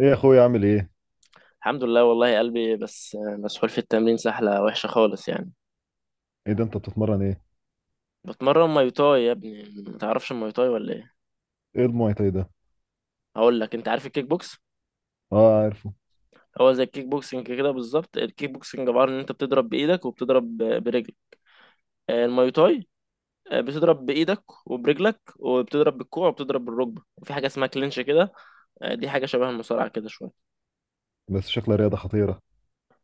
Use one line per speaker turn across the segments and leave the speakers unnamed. ايه يا اخويا؟ عامل ايه؟
الحمد لله، والله قلبي بس مسحول في التمرين سحلة وحشة خالص يعني.
ايه ده، انت بتتمرن ايه؟
بتمرن ماي تاي يا ابني. ما تعرفش الماي تاي ولا ايه؟
ايه المواي تاي ده؟
هقول لك، انت عارف الكيك بوكس؟
اه عارفه.
هو زي الكيك بوكسنج كده بالظبط. الكيك بوكسنج عبارة ان انت بتضرب بايدك وبتضرب برجلك. الماي تاي، بتضرب بايدك وبرجلك وبتضرب بالكوع وبتضرب بالركبة وفي حاجة اسمها كلينش كده. دي حاجة شبه المصارعة كده شوية.
بس شكلها رياضة خطيرة.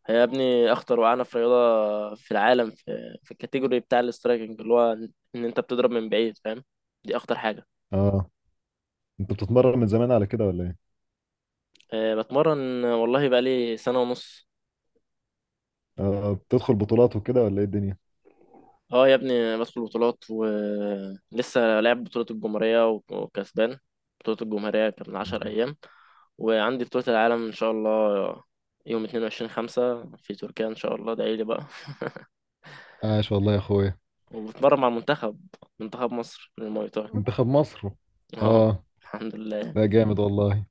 هي يا ابني اخطر وعنف رياضة في العالم، في الكاتيجوري بتاع الاسترايكنج اللي هو ان انت بتضرب من بعيد، فاهم؟ دي اخطر حاجة.
اه، انت بتتمرن من زمان على كده ولا ايه؟
أه بتمرن، والله بقالي سنة ونص.
اه، بتدخل بطولات وكده ولا ايه الدنيا؟
اه يا ابني بدخل بطولات ولسه لاعب بطولة الجمهورية وكسبان. بطولة الجمهورية كان من 10 أيام، وعندي بطولة العالم إن شاء الله يوم 22/5 في تركيا إن شاء الله. ادعيلي بقى.
عاش والله يا اخويا.
وبتمرن مع المنتخب، منتخب مصر للمواي تاي.
منتخب مصر.
اه.
اه.
الحمد لله.
لا جامد والله.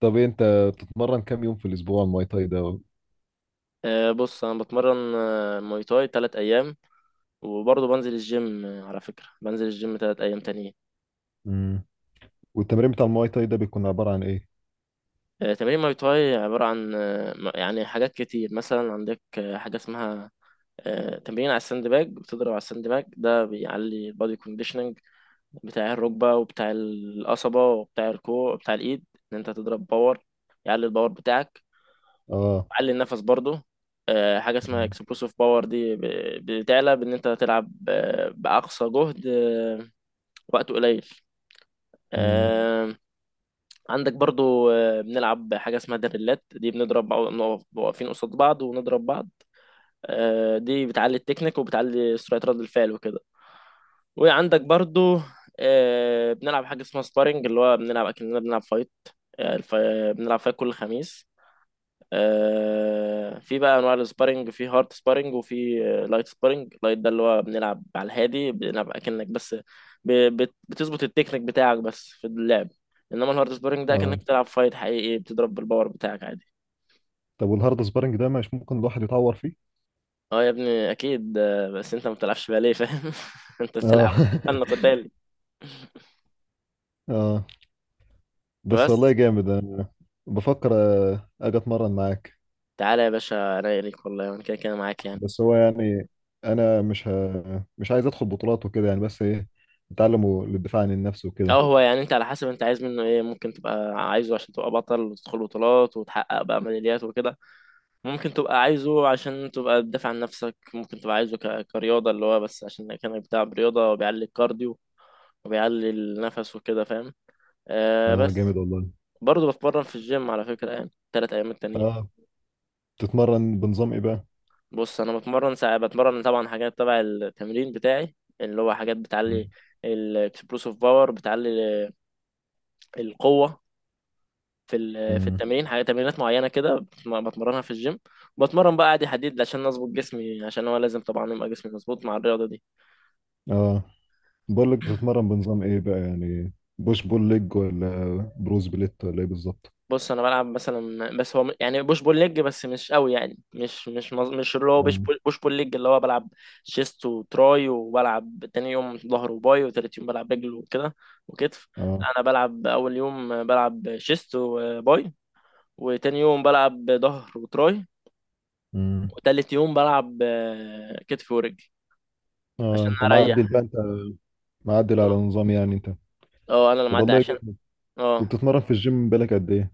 طب إيه انت، بتتمرن كام يوم في الاسبوع المواي تاي ده؟
أه بص، أنا بتمرن مواي تاي 3 أيام، وبرضه بنزل الجيم. على فكرة بنزل الجيم 3 أيام تانيين.
امم والتمرين بتاع المواي تاي ده بيكون عبارة عن ايه؟
تمارين ماي تاي عبارة عن يعني حاجات كتير. مثلا عندك حاجة اسمها تمرين على الساند باج. بتضرب على الساند باج ده بيعلي البادي كونديشننج بتاع الركبة وبتاع القصبة وبتاع الكوع وبتاع الإيد، إن أنت تضرب باور. يعلي الباور بتاعك،
اه.
يعلي النفس برضه. حاجة اسمها
امم
اكسبلوسيف باور، دي بتعلى بإن أنت تلعب بأقصى جهد وقت قليل.
امم
عندك برضو بنلعب حاجة اسمها دريلات، دي بنضرب بعض، بنقف واقفين قصاد بعض ونضرب بعض. دي بتعلي التكنيك وبتعلي سرعة رد الفعل وكده. وعندك برضو بنلعب حاجة اسمها سبارينج، اللي هو بنلعب أكننا بنلعب فايت. آه، الف- بنلعب فايت كل خميس. في بقى انواع السبارينج، في هارد سبارينج وفي لايت سبارينج. لايت ده اللي هو بنلعب على الهادي، بنلعب اكنك بس بتظبط التكنيك بتاعك بس في اللعب. انما الهارد سبارينج ده اكنك
اه.
بتلعب فايت حقيقي، بتضرب بالباور بتاعك عادي.
طب والهارد سبارنج ده مش ممكن الواحد يتعور فيه؟
اه يا ابني اكيد، بس انت ما بتلعبش باليه فاهم. انت بتلعب
اه.
فن قتالي
اه، بس والله
بس.
جامد. انا بفكر اجي اتمرن معاك.
تعالى يا باشا، انا إيه ليك؟ والله انا كده كده معاك يعني.
بس هو يعني، انا مش عايز ادخل بطولات وكده يعني، بس ايه، اتعلم للدفاع عن النفس وكده.
اه هو يعني انت على حسب انت عايز منه ايه. ممكن تبقى عايزه عشان تبقى بطل وتدخل بطولات وتحقق بقى ميداليات وكده. ممكن تبقى عايزه عشان تبقى بتدافع عن نفسك. ممكن تبقى عايزه كرياضة، اللي هو بس عشان كانك بتاع رياضة وبيعلي الكارديو وبيعلي النفس وكده فاهم. آه
اه
بس،
جامد والله.
برضه بتمرن في الجيم على فكرة يعني 3 أيام التانيين.
اه. بتتمرن بنظام ايه بقى؟
بص أنا بتمرن ساعة. بتمرن طبعا حاجات تبع التمرين بتاعي، اللي هو حاجات بتعلي
مم.
الاكسبلوسيف باور، بتعلي القوة. في في
مم.
التمرين حاجة، تمرينات معينة كده بتمرنها في الجيم. بتمرن بقى عادي حديد عشان أظبط جسمي، عشان هو لازم طبعا يبقى جسمي مظبوط مع الرياضة دي.
اه. بقول لك، بتتمرن بنظام ايه بقى يعني؟ بوش بول ليج، ولا بروز بليت، ولا ايه بالظبط؟
بص انا بلعب مثلا، بس هو يعني بوش بول ليج، بس مش قوي يعني، مش اللي هو بوش
اه.
بول بوش بول ليج اللي هو بلعب شيست وتراي، وبلعب تاني يوم ظهر وباي، وتالت يوم بلعب رجل وكده، وكتف.
اه.
لا، انا بلعب اول يوم بلعب شيست وباي، وتاني يوم بلعب ظهر وتراي،
مم.
وتالت يوم بلعب كتف ورجل
اه،
عشان
انت معدل
اريح.
بقى، انت معدل على
اه،
نظام يعني انت.
انا اللي
طب
معدي
والله
عشان.
جامد.
اه
وبتتمرن في الجيم بالك قد ايه؟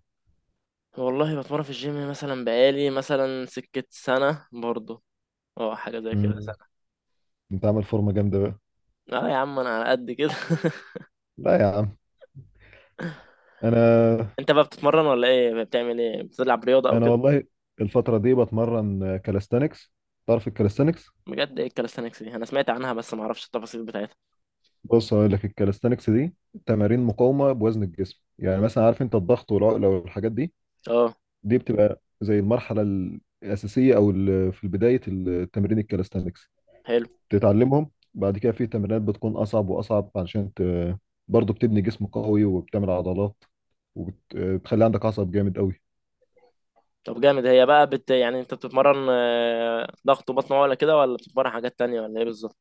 والله بتمرن في الجيم مثلا بقالي مثلا سكة سنة برضه. اه حاجة زي كده.
مم. انت عامل فورمه جامده بقى.
اه يا عم انا على قد كده.
لا يا عم، انا،
انت بقى بتتمرن ولا ايه؟ بتعمل ايه؟ بتلعب رياضه او
انا
كده؟
والله الفتره دي بتمرن كاليستانكس. تعرف الكاليستانكس؟
بجد؟ ايه الكاليستانكس دي؟ انا سمعت عنها بس ما اعرفش التفاصيل بتاعتها.
بص هقول لك، الكاليستانكس دي تمارين مقاومه بوزن الجسم. يعني مثلا، عارف انت الضغط والعقله والحاجات دي؟
اه.
دي بتبقى زي المرحله الاساسيه، في بدايه التمرين الكاليستانكس
حلو.
بتتعلمهم. بعد كده في تمرينات بتكون اصعب واصعب علشان برضه بتبني جسم قوي وبتعمل عضلات، وبتخلي عندك عصب جامد قوي.
طب جامد. هي بقى يعني انت بتتمرن ضغط وبطن ولا كده، ولا بتتمرن حاجات تانية ولا ايه بالظبط؟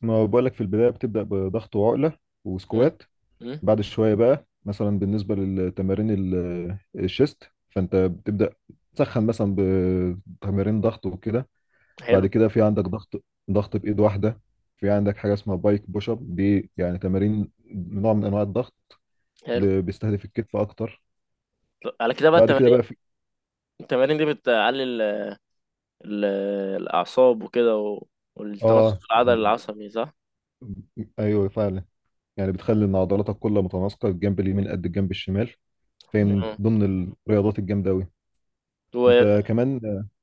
ما هو بقولك، في البداية بتبدأ بضغط وعقلة
امم.
وسكوات.
امم.
بعد شوية بقى، مثلا بالنسبة للتمارين الشيست، فأنت بتبدأ تسخن مثلا بتمارين ضغط وكده. بعد
حلو.
كده في عندك ضغط، ضغط بإيد واحدة. في عندك حاجة اسمها بايك بوش اب، دي يعني تمارين نوع من أنواع الضغط
حلو.
اللي بيستهدف الكتف أكتر.
طب على كده بقى
بعد كده
التمارين،
بقى في
التمارين دي بتقلل ال- الاعصاب وكده والتناسق
آه
في العضل العصبي، صح؟
أيوه فعلا. يعني بتخلي إن عضلاتك كلها متناسقة، الجنب اليمين قد الجنب الشمال. فهي من
امم.
ضمن الرياضات الجامدة أوي.
و...
انت كمان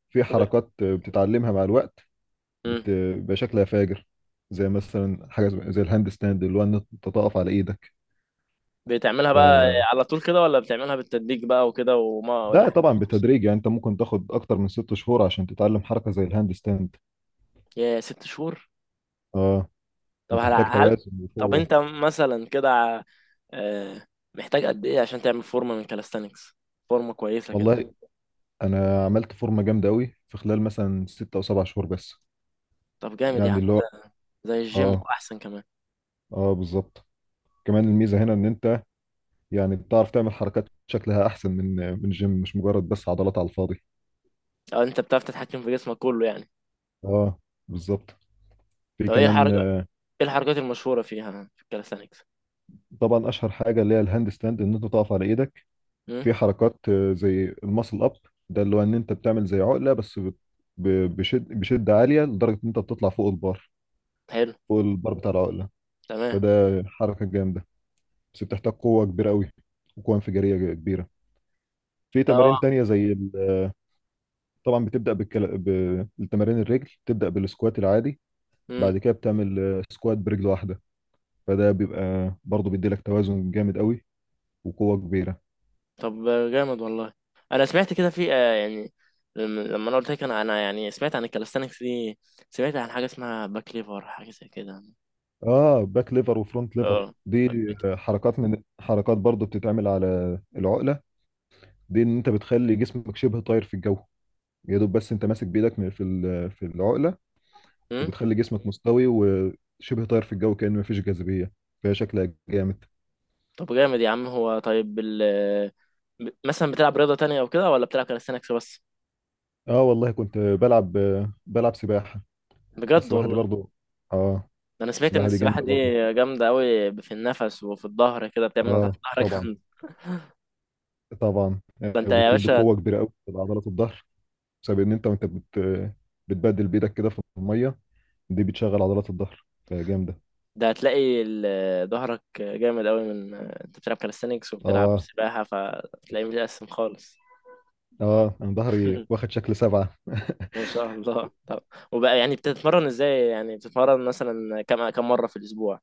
في
و...
حركات بتتعلمها مع الوقت،
مم.
بيبقى شكلها فاجر. زي مثلا حاجه زي، الهاند ستاند، اللي هو ان انت تقف على ايدك.
بتعملها بقى
ف...
على طول كده ولا بتعملها بالتدريج بقى وكده وما ولا
ده
حاجة؟
طبعا بالتدريج. يعني انت ممكن تاخد اكتر من ست شهور عشان تتعلم حركه زي الهاند ستاند.
يا ست شهور.
اه،
طب هل,
بتحتاج
هل
توازن
طب
وقوه.
انت مثلا كده آه، محتاج قد ايه عشان تعمل فورمة من كالستانكس، فورمة كويسة كده؟
والله انا عملت فورمه جامده قوي في خلال مثلا ست او سبع شهور بس.
طب جامد يا عم.
يعني اللي هو،
زي الجيم
اه.
واحسن كمان.
اه بالظبط. كمان الميزه هنا ان انت، يعني بتعرف تعمل حركات شكلها احسن من، من الجيم. مش مجرد بس عضلات على الفاضي.
او انت بتعرف تتحكم في جسمك كله يعني.
اه بالظبط. في
طب ايه
كمان
الحركة، ايه الحركات المشهورة فيها في الكالستانكس؟
طبعا اشهر حاجه اللي هي الهاند ستاند، ان انت تقف على ايدك.
امم.
في حركات زي الماسل اب. ده اللي هو ان انت بتعمل زي عقله، بشد، بشده عاليه لدرجه ان انت بتطلع فوق البار،
حلو.
فوق البار بتاع العقله.
تمام.
فده حركه جامده، بس بتحتاج قوه كبيره قوي وقوه انفجاريه كبيره. في تمارين
اه.
تانية زي ال- آه، طبعا بتبدا بالتمارين الرجل، بتبدا بالسكوات العادي. بعد كده بتعمل سكوات برجل واحده. فده بيبقى برضه بيديلك توازن جامد قوي وقوة كبيرة.
طب جامد والله. انا سمعت كده في يعني، لما انا قلت لك انا يعني سمعت عن الكالستانكس دي، سمعت عن حاجه اسمها باك ليفر، حاجه زي كده.
اه باك ليفر وفرونت ليفر
اه.
دي، حركات من حركات برضو بتتعمل على العقلة. دي ان انت بتخلي جسمك شبه طاير في الجو، يا دوب بس انت ماسك بايدك في العقلة.
أمم؟
وبتخلي جسمك مستوي وشبه طاير في الجو، كأنه مفيش جاذبية. فهي شكلها جامد.
طب جامد يا عم. هو طيب ال مثلا بتلعب رياضه تانية او كده ولا بتلعب كالستانكس بس؟
اه والله، كنت بلعب، بلعب سباحة.
بجد
السباحة دي
والله.
برضو، اه.
ده انا سمعت ان
السباحة دي
السباحه
جامدة
دي
برضو.
جامده قوي في النفس وفي الظهر كده، بتعمل تحت
اه
الظهر
طبعا.
جامد.
طبعا
ده انت يا
بتدي
باشا.
قوة كبيرة قوي لعضلات الظهر، بسبب ان انت، بتبدل بايدك كده في الميه. دي بتشغل عضلات الظهر فجامده.
ده هتلاقي ظهرك جامد قوي من انت بتلعب كاليستانكس وبتلعب
اه.
سباحة، فتلاقيه متقسم خالص.
اه، انا ظهري واخد شكل سبعه.
ما شاء الله. طب وبقى يعني بتتمرن ازاي؟ يعني بتتمرن مثلا كم مرة في الأسبوع؟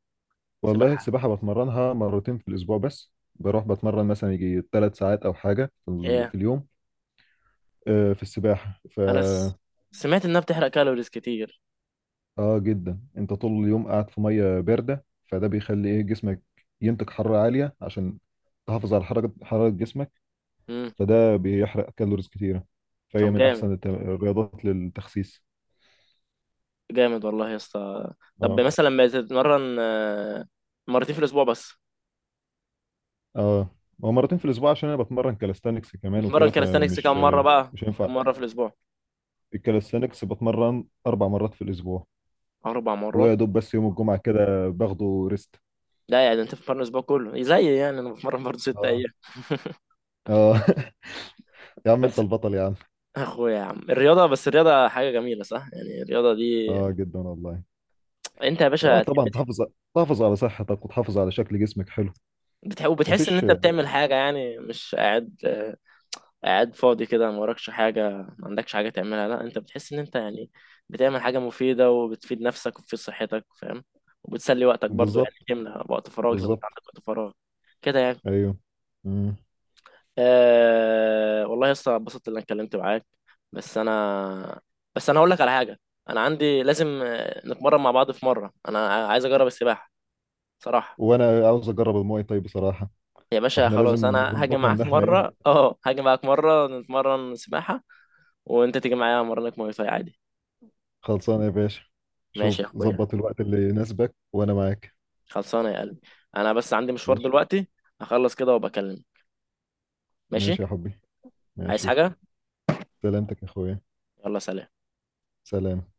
والله
سباحة؟
السباحه بتمرنها مرتين في الاسبوع بس. بروح بتمرن مثلا يجي ثلاث ساعات او حاجه
ايه؟
في اليوم. في السباحه ف،
انا س... سمعت انها بتحرق كالوريز كتير.
اه جدا. انت طول اليوم قاعد في ميه بارده، فده بيخلي ايه، جسمك ينتج حراره عاليه عشان تحافظ على حركه حراره جسمك.
امم.
فده بيحرق كالوريز كتيره. فهي
طب
من
جامد.
احسن الرياضات للتخسيس.
جامد والله يا اسطى. طب
اه.
مثلا بتتمرن مرتين في الأسبوع بس؟
اه، هو مرتين في الاسبوع عشان انا بتمرن كالستانكس كمان
بتتمرن
وكده،
كاليستانكس
فمش،
كم مرة بقى،
مش هينفع.
كم مرة في الأسبوع؟
الكالستانكس بتمرن اربع مرات في الاسبوع،
4 مرات.
ويا دوب بس يوم الجمعه كده باخده ريست.
لا يعني أنت بتتمرن الأسبوع كله، زي يعني أنا بتمرن برضه ست
اه.
أيام
اه يا عم انت
بس
البطل يا عم.
اخويا يا عم الرياضه، بس الرياضه حاجه جميله صح؟ يعني الرياضه دي.
اه جدا والله.
انت يا
اه
باشا
طبعا، تحافظ، تحافظ على صحتك وتحافظ على شكل جسمك حلو.
بتحس ان
مفيش.
انت بتعمل حاجه يعني، مش قاعد قاعد فاضي كده، ما وراكش حاجه، ما عندكش حاجه تعملها. لا، انت بتحس ان انت يعني بتعمل حاجه مفيده وبتفيد نفسك وبتفيد صحتك فاهم. وبتسلي وقتك برضو، يعني
بالظبط،
تملى وقت فراغك لو انت
بالظبط.
عندك وقت فراغ كده يعني.
ايوه. مم.
أه والله يا اسطى، اتبسطت ان انا اتكلمت معاك. بس انا، بس انا هقول لك على حاجه، انا عندي لازم نتمرن مع بعض. في مره انا عايز اجرب السباحه صراحه.
وانا عاوز اجرب الماي طيب بصراحه.
يا باشا
فاحنا
خلاص،
لازم
انا هاجي
نظبطها ان
معاك
احنا ايه.
مره. اه هاجي معاك مره نتمرن سباحه، وانت تيجي معايا امرنك مواي فاي عادي.
خلصانه يا باشا.
ماشي يا
شوف
اخويا.
ظبط الوقت اللي يناسبك وانا معاك.
خلصانه يا قلبي. انا بس عندي مشوار
ماشي.
دلوقتي، هخلص كده وبكلمك. ماشي.
ماشي يا حبي.
عايز
ماشي.
حاجه؟
سلامتك يا اخويا.
يلا سلام.
سلام.